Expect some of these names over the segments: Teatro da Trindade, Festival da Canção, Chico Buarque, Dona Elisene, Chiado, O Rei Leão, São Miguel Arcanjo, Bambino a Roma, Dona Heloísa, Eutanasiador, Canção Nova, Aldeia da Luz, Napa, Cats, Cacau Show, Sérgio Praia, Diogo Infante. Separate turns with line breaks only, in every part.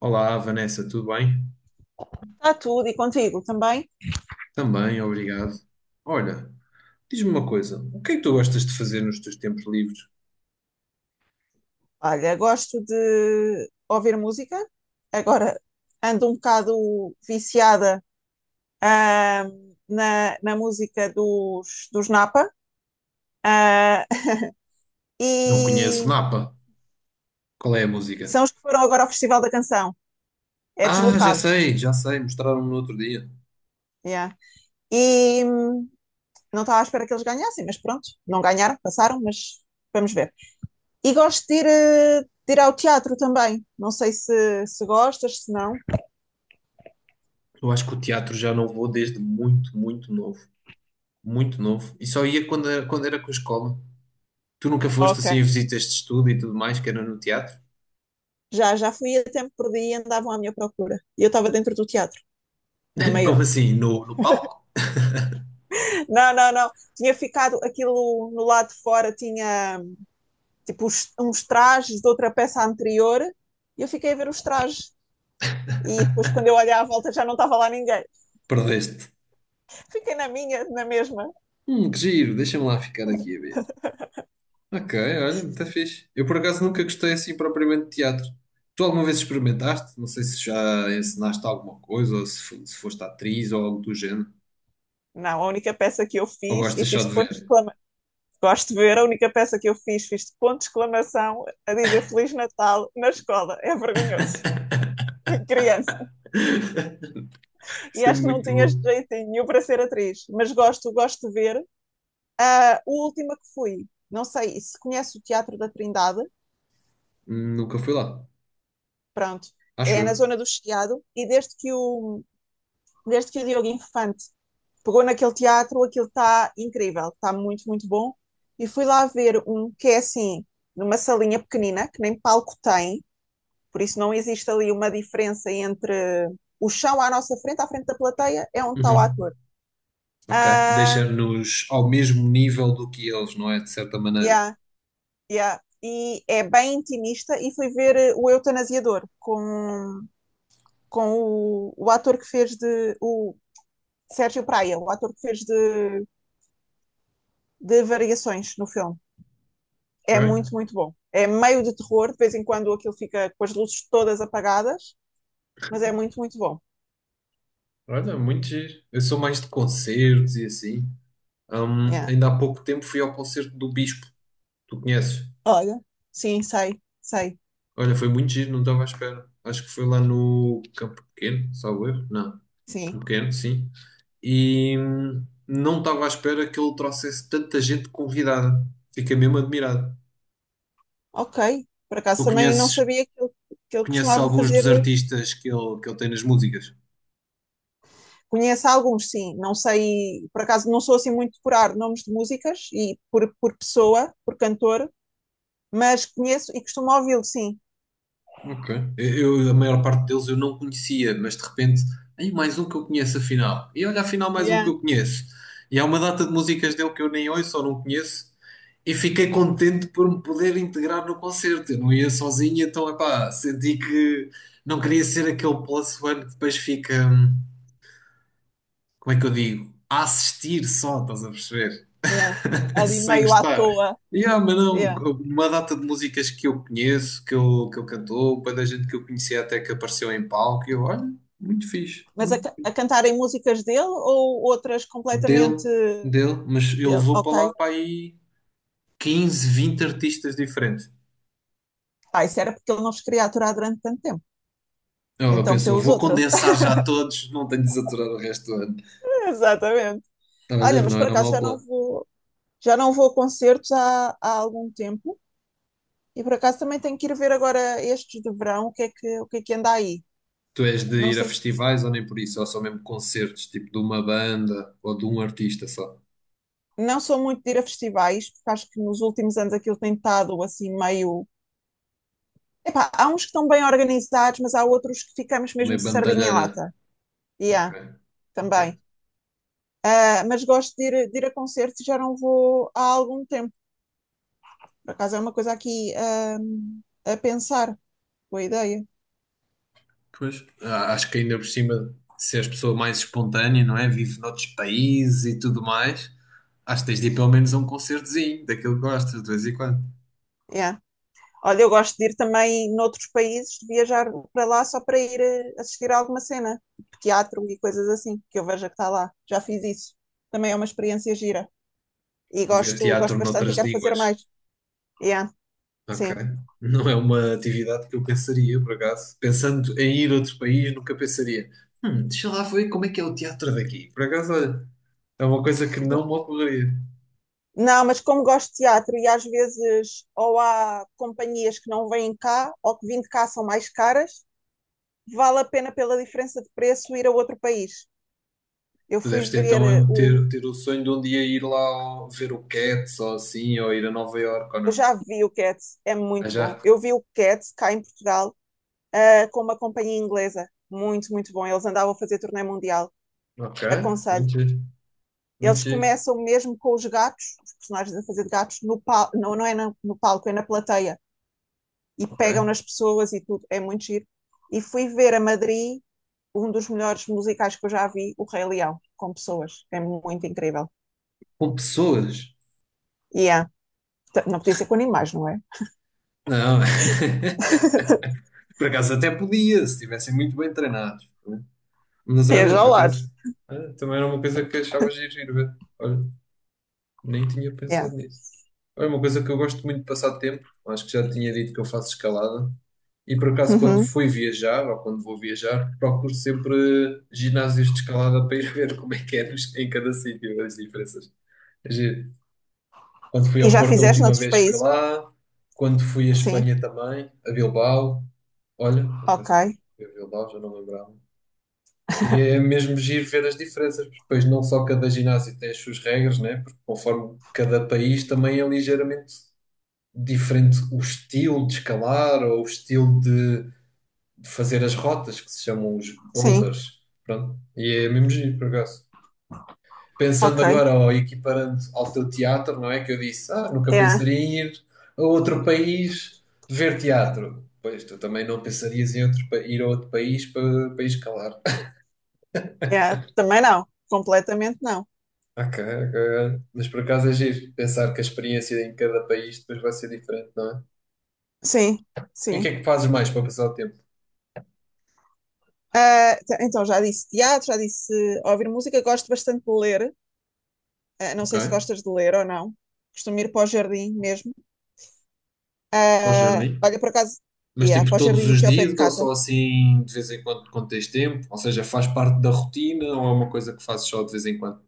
Olá, Vanessa, tudo bem?
Está tudo e contigo também.
Também, obrigado. Olha, diz-me uma coisa, o que é que tu gostas de fazer nos teus tempos livres?
Olha, gosto de ouvir música. Agora ando um bocado viciada na música dos Napa. Ah,
Não conheço
e
Napa. Qual é a música?
são os que foram agora ao Festival da Canção. É
Ah,
deslocado.
já sei, mostraram-me no outro dia.
Yeah. E não estava à espera que eles ganhassem, mas pronto, não ganharam, passaram, mas vamos ver. E gosto de ir ao teatro também. Não sei se gostas, se não.
Eu acho que o teatro já não vou desde muito, muito novo. Muito novo. E só ia quando era com a escola. Tu nunca foste
Ok.
assim a visitas de estudo e tudo mais, que era no teatro?
Já fui a tempo perdi e andavam à minha procura. E eu estava dentro do teatro, na maior.
Como assim? No palco?
Não, não, não. Tinha ficado aquilo no lado de fora, tinha tipo uns trajes de outra peça anterior e eu fiquei a ver os trajes. E depois, quando eu olhei à volta, já não estava lá ninguém.
Perdeste.
Fiquei na minha, na mesma.
Que giro, deixa-me lá ficar aqui a ver. Ok, olha, muito fixe. Eu por acaso nunca gostei assim propriamente de teatro. Tu alguma vez experimentaste? Não sei se já ensinaste alguma coisa, ou se, se foste atriz ou algo do género.
Não, a única peça que eu
Ou
fiz, e
gostas só
fiz
de
de ponto
ver?
de exclamação. Gosto de ver, a única peça que eu fiz, fiz de ponto de exclamação a dizer Feliz Natal na escola. É vergonhoso. Em criança. E
Isso é
acho que não
muito
tinha
bom.
jeito nenhum para ser atriz, mas gosto, gosto de ver. A última que fui, não sei se conhece o Teatro da Trindade,
Nunca fui lá,
pronto,
acho
é na
eu.
zona do Chiado, e desde que o Diogo Infante pegou naquele teatro, aquilo está incrível, está muito, muito bom. E fui lá ver um que é assim, numa salinha pequenina, que nem palco tem, por isso não existe ali uma diferença entre o chão à nossa frente, à frente da plateia, é onde está o
Uhum.
ator.
Ok,
Uh,
deixa-nos ao mesmo nível do que eles, não é? De certa maneira.
yeah. Yeah. E é bem intimista e fui ver o Eutanasiador com o ator que fez de o Sérgio Praia, o ator que fez de variações no filme. É
Ok,
muito, muito bom. É meio de terror, de vez em quando aquilo fica com as luzes todas apagadas, mas é muito, muito bom.
olha, muito giro. Eu sou mais de
Sim.
concertos e assim.
Yeah.
Ainda há pouco tempo fui ao concerto do Bispo. Tu conheces?
Olha, sim, sei, sei,
Olha, foi muito giro, não estava à espera. Acho que foi lá no Campo Pequeno, salvo erro. Não,
sim.
Campo Pequeno, sim. E não estava à espera que ele trouxesse tanta gente convidada. Fiquei mesmo admirado.
Ok. Por acaso
Tu
também não
conheces,
sabia que ele
conheces
costumava
alguns
fazer
dos artistas que ele tem nas músicas?
Conheço alguns, sim. Não sei, por acaso não sou assim muito de curar nomes de músicas e por pessoa, por cantor, mas conheço e costumo ouvi-lo, sim.
Ok. A maior parte deles eu não conhecia, mas de repente, aí mais um que eu conheço afinal. E olha, afinal mais um que
Yeah,
eu conheço. E há uma data de músicas dele que eu nem ouço ou não conheço. E fiquei contente por me poder integrar no concerto. Eu não ia sozinho, então, epá, senti que não queria ser aquele plus one que depois fica, como é que eu digo? A assistir só, estás a perceber?
yeah. Ali
sem
meio à
gostar.
toa.
E ah, mas não,
Yeah.
uma data de músicas que eu conheço, que eu cantou, para da gente que eu conhecia até que apareceu em palco, e eu, olha, muito fixe,
Mas
muito.
a cantarem músicas dele ou outras
Dele,
completamente
dele, mas ele
dele?
levou para
Ok.
lá para aí 15, 20 artistas diferentes.
Ah, isso era porque ele não vos queria aturar durante tanto tempo.
Ela
Então meteu
pensou,
os
vou
outros.
condensar já todos, não tenho de saturar o resto do ano.
Exatamente.
Estava a
Olha,
ver,
mas
não
por
era
acaso
mau plano.
já não vou a concertos há algum tempo. E por acaso também tenho que ir ver agora estes de verão, o que é que anda aí.
Tu és de
Não
ir a
sei,
festivais ou nem por isso, ou só mesmo concertos, tipo de uma banda ou de um artista só,
não sou muito de ir a festivais, porque acho que nos últimos anos aquilo tem estado assim meio. Epá, há uns que estão bem organizados, mas há outros que ficamos mesmo
meio
de sardinha em
bandalheira.
lata. E
Ok,
há,
ok.
também. Ah, mas gosto de ir a concertos e já não vou há algum tempo. Por acaso é uma coisa aqui, a pensar. Boa ideia.
Pois, acho que ainda por cima, se és pessoa mais espontânea, não é? Vive noutros países e tudo mais, acho que tens de ir pelo menos a um concertozinho, daquilo que gostas, de vez em quando.
Yeah. Olha, eu gosto de ir também noutros países, de viajar para lá só para ir assistir a alguma cena, tipo teatro e coisas assim, que eu veja que está lá. Já fiz isso. Também é uma experiência gira. E
Ver
gosto,
teatro
gosto bastante e
noutras
quero fazer
línguas.
mais. Yeah,
Ok.
sim.
Não é uma atividade que eu pensaria, por acaso. Pensando em ir a outro país, nunca pensaria. Deixa lá ver como é que é o teatro daqui. Por acaso, olha, é uma coisa que não me ocorreria.
Não, mas como gosto de teatro e às vezes ou há companhias que não vêm cá ou que vêm de cá são mais caras, vale a pena pela diferença de preço ir a outro país. Eu
Tu
fui
deves ter,
ver
então
o.
ter, ter o sonho de um dia ir ver o Cats ou assim, ou ir a Nova Iorque ou
Eu
não.
já vi o Cats, é
Ah,
muito bom.
já.
Eu vi o Cats cá em Portugal com uma companhia inglesa. Muito, muito bom. Eles andavam a fazer turnê mundial.
Ok,
Aconselho.
muito giro, muito
Eles
giro.
começam mesmo com os gatos, os personagens a fazer de gatos, no pal não, não é no palco, é na plateia. E pegam
Ok.
nas pessoas e tudo. É muito giro. E fui ver a Madrid um dos melhores musicais que eu já vi, O Rei Leão, com pessoas. É muito incrível.
Com pessoas?
E yeah. Não podia ser com animais, não é?
Não, por acaso até podia, se estivessem muito bem treinados. Né? Mas
Viaja
olha,
já
por
ao lado.
acaso, ah, também era uma coisa que achava giro ir ver. Olha, nem tinha
Yeah.
pensado nisso. Olha, uma coisa que eu gosto muito de passar tempo, acho que já tinha dito que eu faço escalada. E por acaso, quando
Uhum.
fui viajar, ou quando vou viajar, procuro sempre ginásios de escalada para ir ver como é que é em cada sítio as diferenças. É giro. Quando fui
E
ao
já
Porto a
fizeste
última
noutros
vez fui
países?
lá. Quando fui à
Sim.
Espanha também, a Bilbao. Olha, por
Ok.
acaso fui a Bilbao, já não lembrava. E é mesmo giro ver as diferenças, porque depois não só cada ginásio tem as suas regras, né? Porque conforme cada país também é ligeiramente diferente o estilo de escalar ou o estilo de fazer as rotas, que se chamam os
Sim.
boulders. Pronto. E é mesmo giro, por acaso. Pensando
Ok.
agora ou equiparando ao teu teatro, não é? Que eu disse, ah, nunca
É.
pensaria em ir a outro país ver teatro. Pois, tu também não pensarias em outro, ir a outro país para, para ir escalar.
Yeah, também não, completamente não.
Ok, ok. Mas por acaso é giro pensar que a experiência em cada país depois vai ser diferente, não é?
Sim,
E o que
sim.
é que fazes mais para passar o tempo?
Ah, então já disse teatro, já disse ouvir música, gosto bastante de ler. Ah, não
Ok,
sei se gostas de ler ou não. Costumo ir para o jardim mesmo.
bom
Ah,
jardim.
olha, por acaso,
Mas
yeah,
tipo
para o
todos
jardim
os
aqui ao pé de
dias ou
casa.
só assim de vez em quando quando tens tempo? Ou seja, faz parte da rotina ou é uma coisa que fazes só de vez em quando?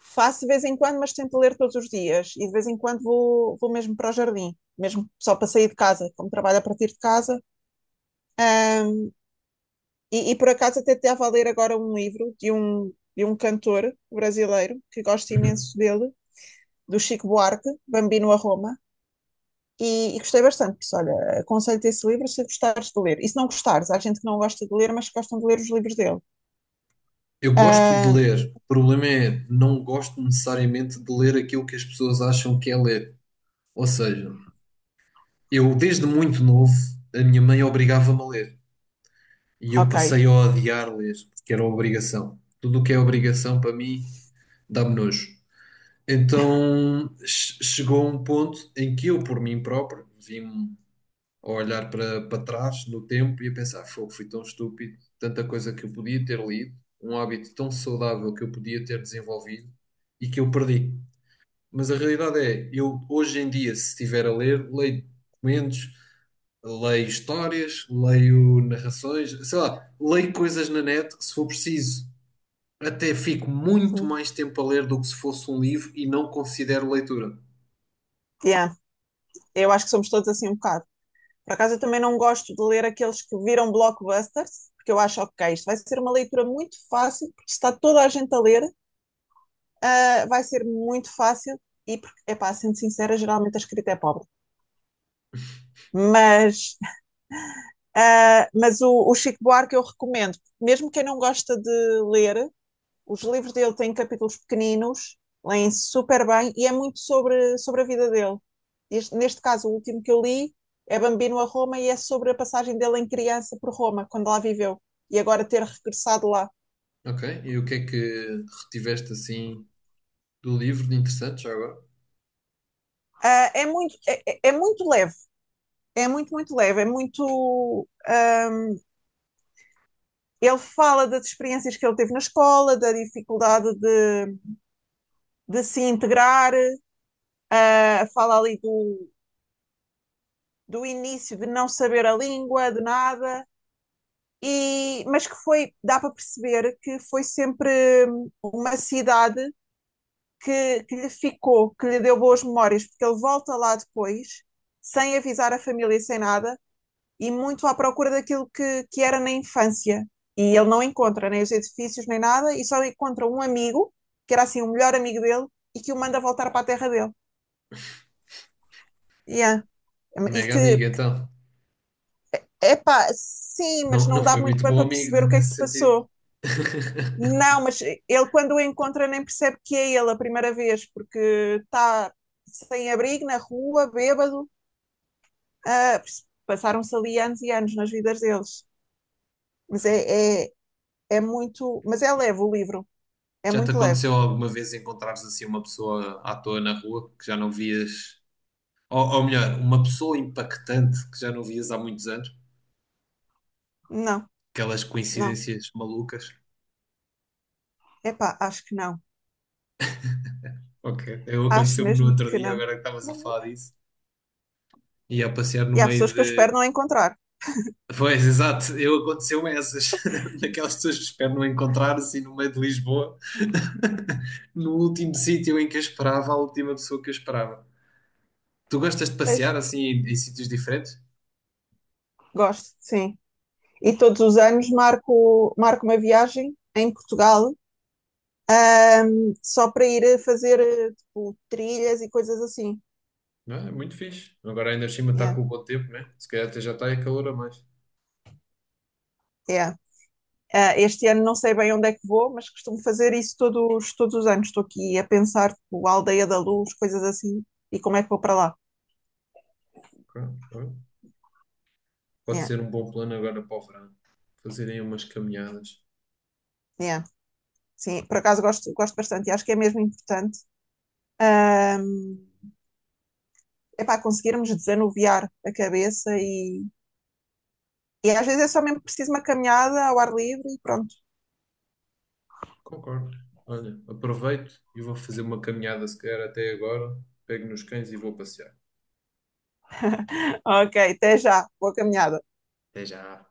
Faço de vez em quando, mas tento ler todos os dias. E de vez em quando vou mesmo para o jardim, mesmo só para sair de casa, como trabalho a partir de casa. E por acaso até estava a ler agora um livro de um cantor brasileiro que gosto imenso dele do Chico Buarque, Bambino a Roma, e gostei bastante. Por isso, olha, aconselho-te esse livro se gostares de ler. E se não gostares, há gente que não gosta de ler, mas que gostam de ler os livros dele.
Eu gosto de
Ah,
ler, o problema é não gosto necessariamente de ler aquilo que as pessoas acham que é ler. Ou seja, eu desde muito novo, a minha mãe obrigava-me a ler e eu
ok.
passei a odiar ler, porque era obrigação. Tudo o que é obrigação para mim dá-me nojo. Então chegou um ponto em que eu, por mim próprio, vi-me a olhar para, para trás no tempo e a pensar, fogo, fui tão estúpido, tanta coisa que eu podia ter lido, um hábito tão saudável que eu podia ter desenvolvido e que eu perdi. Mas a realidade é, eu hoje em dia, se estiver a ler, leio documentos, leio histórias, leio narrações, sei lá, leio coisas na net, se for preciso. Até fico muito
Uhum.
mais tempo a ler do que se fosse um livro e não considero leitura.
Yeah. Eu acho que somos todos assim um bocado. Por acaso, eu também não gosto de ler aqueles que viram blockbusters, porque eu acho, ok, isto vai ser uma leitura muito fácil, porque se está toda a gente a ler, vai ser muito fácil, e, é pá, sendo sincera, geralmente a escrita é pobre. Mas o Chico Buarque eu recomendo, mesmo quem não gosta de ler, os livros dele têm capítulos pequeninos, leem super bem e é muito sobre a vida dele. Este, neste caso, o último que eu li é Bambino a Roma e é sobre a passagem dele em criança por Roma, quando lá viveu, e agora ter regressado lá.
Ok? E o que é que retiveste assim do livro de interessante já agora?
É, muito, é muito leve, é muito, muito leve, é muito. Uh, ele fala das experiências que ele teve na escola, da dificuldade de se integrar, fala ali do início de não saber a língua, de nada, mas que foi, dá para perceber que foi sempre uma cidade que lhe ficou, que lhe deu boas memórias, porque ele volta lá depois, sem avisar a família, sem nada, e muito à procura daquilo que era na infância. E ele não encontra nem os edifícios, nem nada, e só encontra um amigo, que era assim o melhor amigo dele, e que o manda voltar para a terra dele. Yeah. E
Mega amigo,
que
então.
Epá, sim, mas
Não, não
não dá
foi
muito
muito
bem
bom
para
amigo, né,
perceber o que é que
nesse
se
sentido.
passou. Não, mas ele quando o encontra nem percebe que é ele a primeira vez, porque está sem abrigo na rua, bêbado. Ah, passaram-se ali anos e anos nas vidas deles. Mas
Fogo.
é muito. Mas é leve o livro. É
Já te
muito leve.
aconteceu alguma vez encontrares assim uma pessoa à toa na rua que já não vias, ou melhor, uma pessoa impactante que já não vias há muitos anos?
Não,
Aquelas
não.
coincidências malucas.
Epá, acho que não.
Ok, eu
Acho
aconteceu-me no
mesmo
outro
que
dia,
não.
agora que estavas a falar disso, ia passear no
E há
meio
pessoas que eu espero
de.
não encontrar.
Pois, exato, eu aconteceu-me essas, daquelas pessoas que espero não encontrar assim no meio de Lisboa. No último sítio em que eu esperava, a última pessoa que eu esperava. Tu gostas de
Pois.
passear assim em, em sítios diferentes?
Gosto, sim. E todos os anos marco, marco uma viagem em Portugal só para ir fazer tipo, trilhas e coisas assim.
Não, é É muito fixe. Agora ainda por cima está
Yeah,
com o bom tempo, né? Se calhar até já está a calor a mais.
yeah. Ah, este ano não sei bem onde é que vou, mas costumo fazer isso todos, todos os anos. Estou aqui a pensar, tipo, a Aldeia da Luz, coisas assim, e como é que vou para lá.
Claro, claro. Pode
Yeah,
ser um bom plano agora para o verão. Fazerem umas caminhadas.
yeah. Sim, por acaso gosto, gosto bastante e acho que é mesmo importante. É para conseguirmos desanuviar a cabeça e às vezes é só mesmo preciso uma caminhada ao ar livre e pronto.
Concordo. Olha, aproveito e vou fazer uma caminhada se calhar até agora. Pego nos cães e vou passear.
Ok, até já, boa caminhada.
Até já.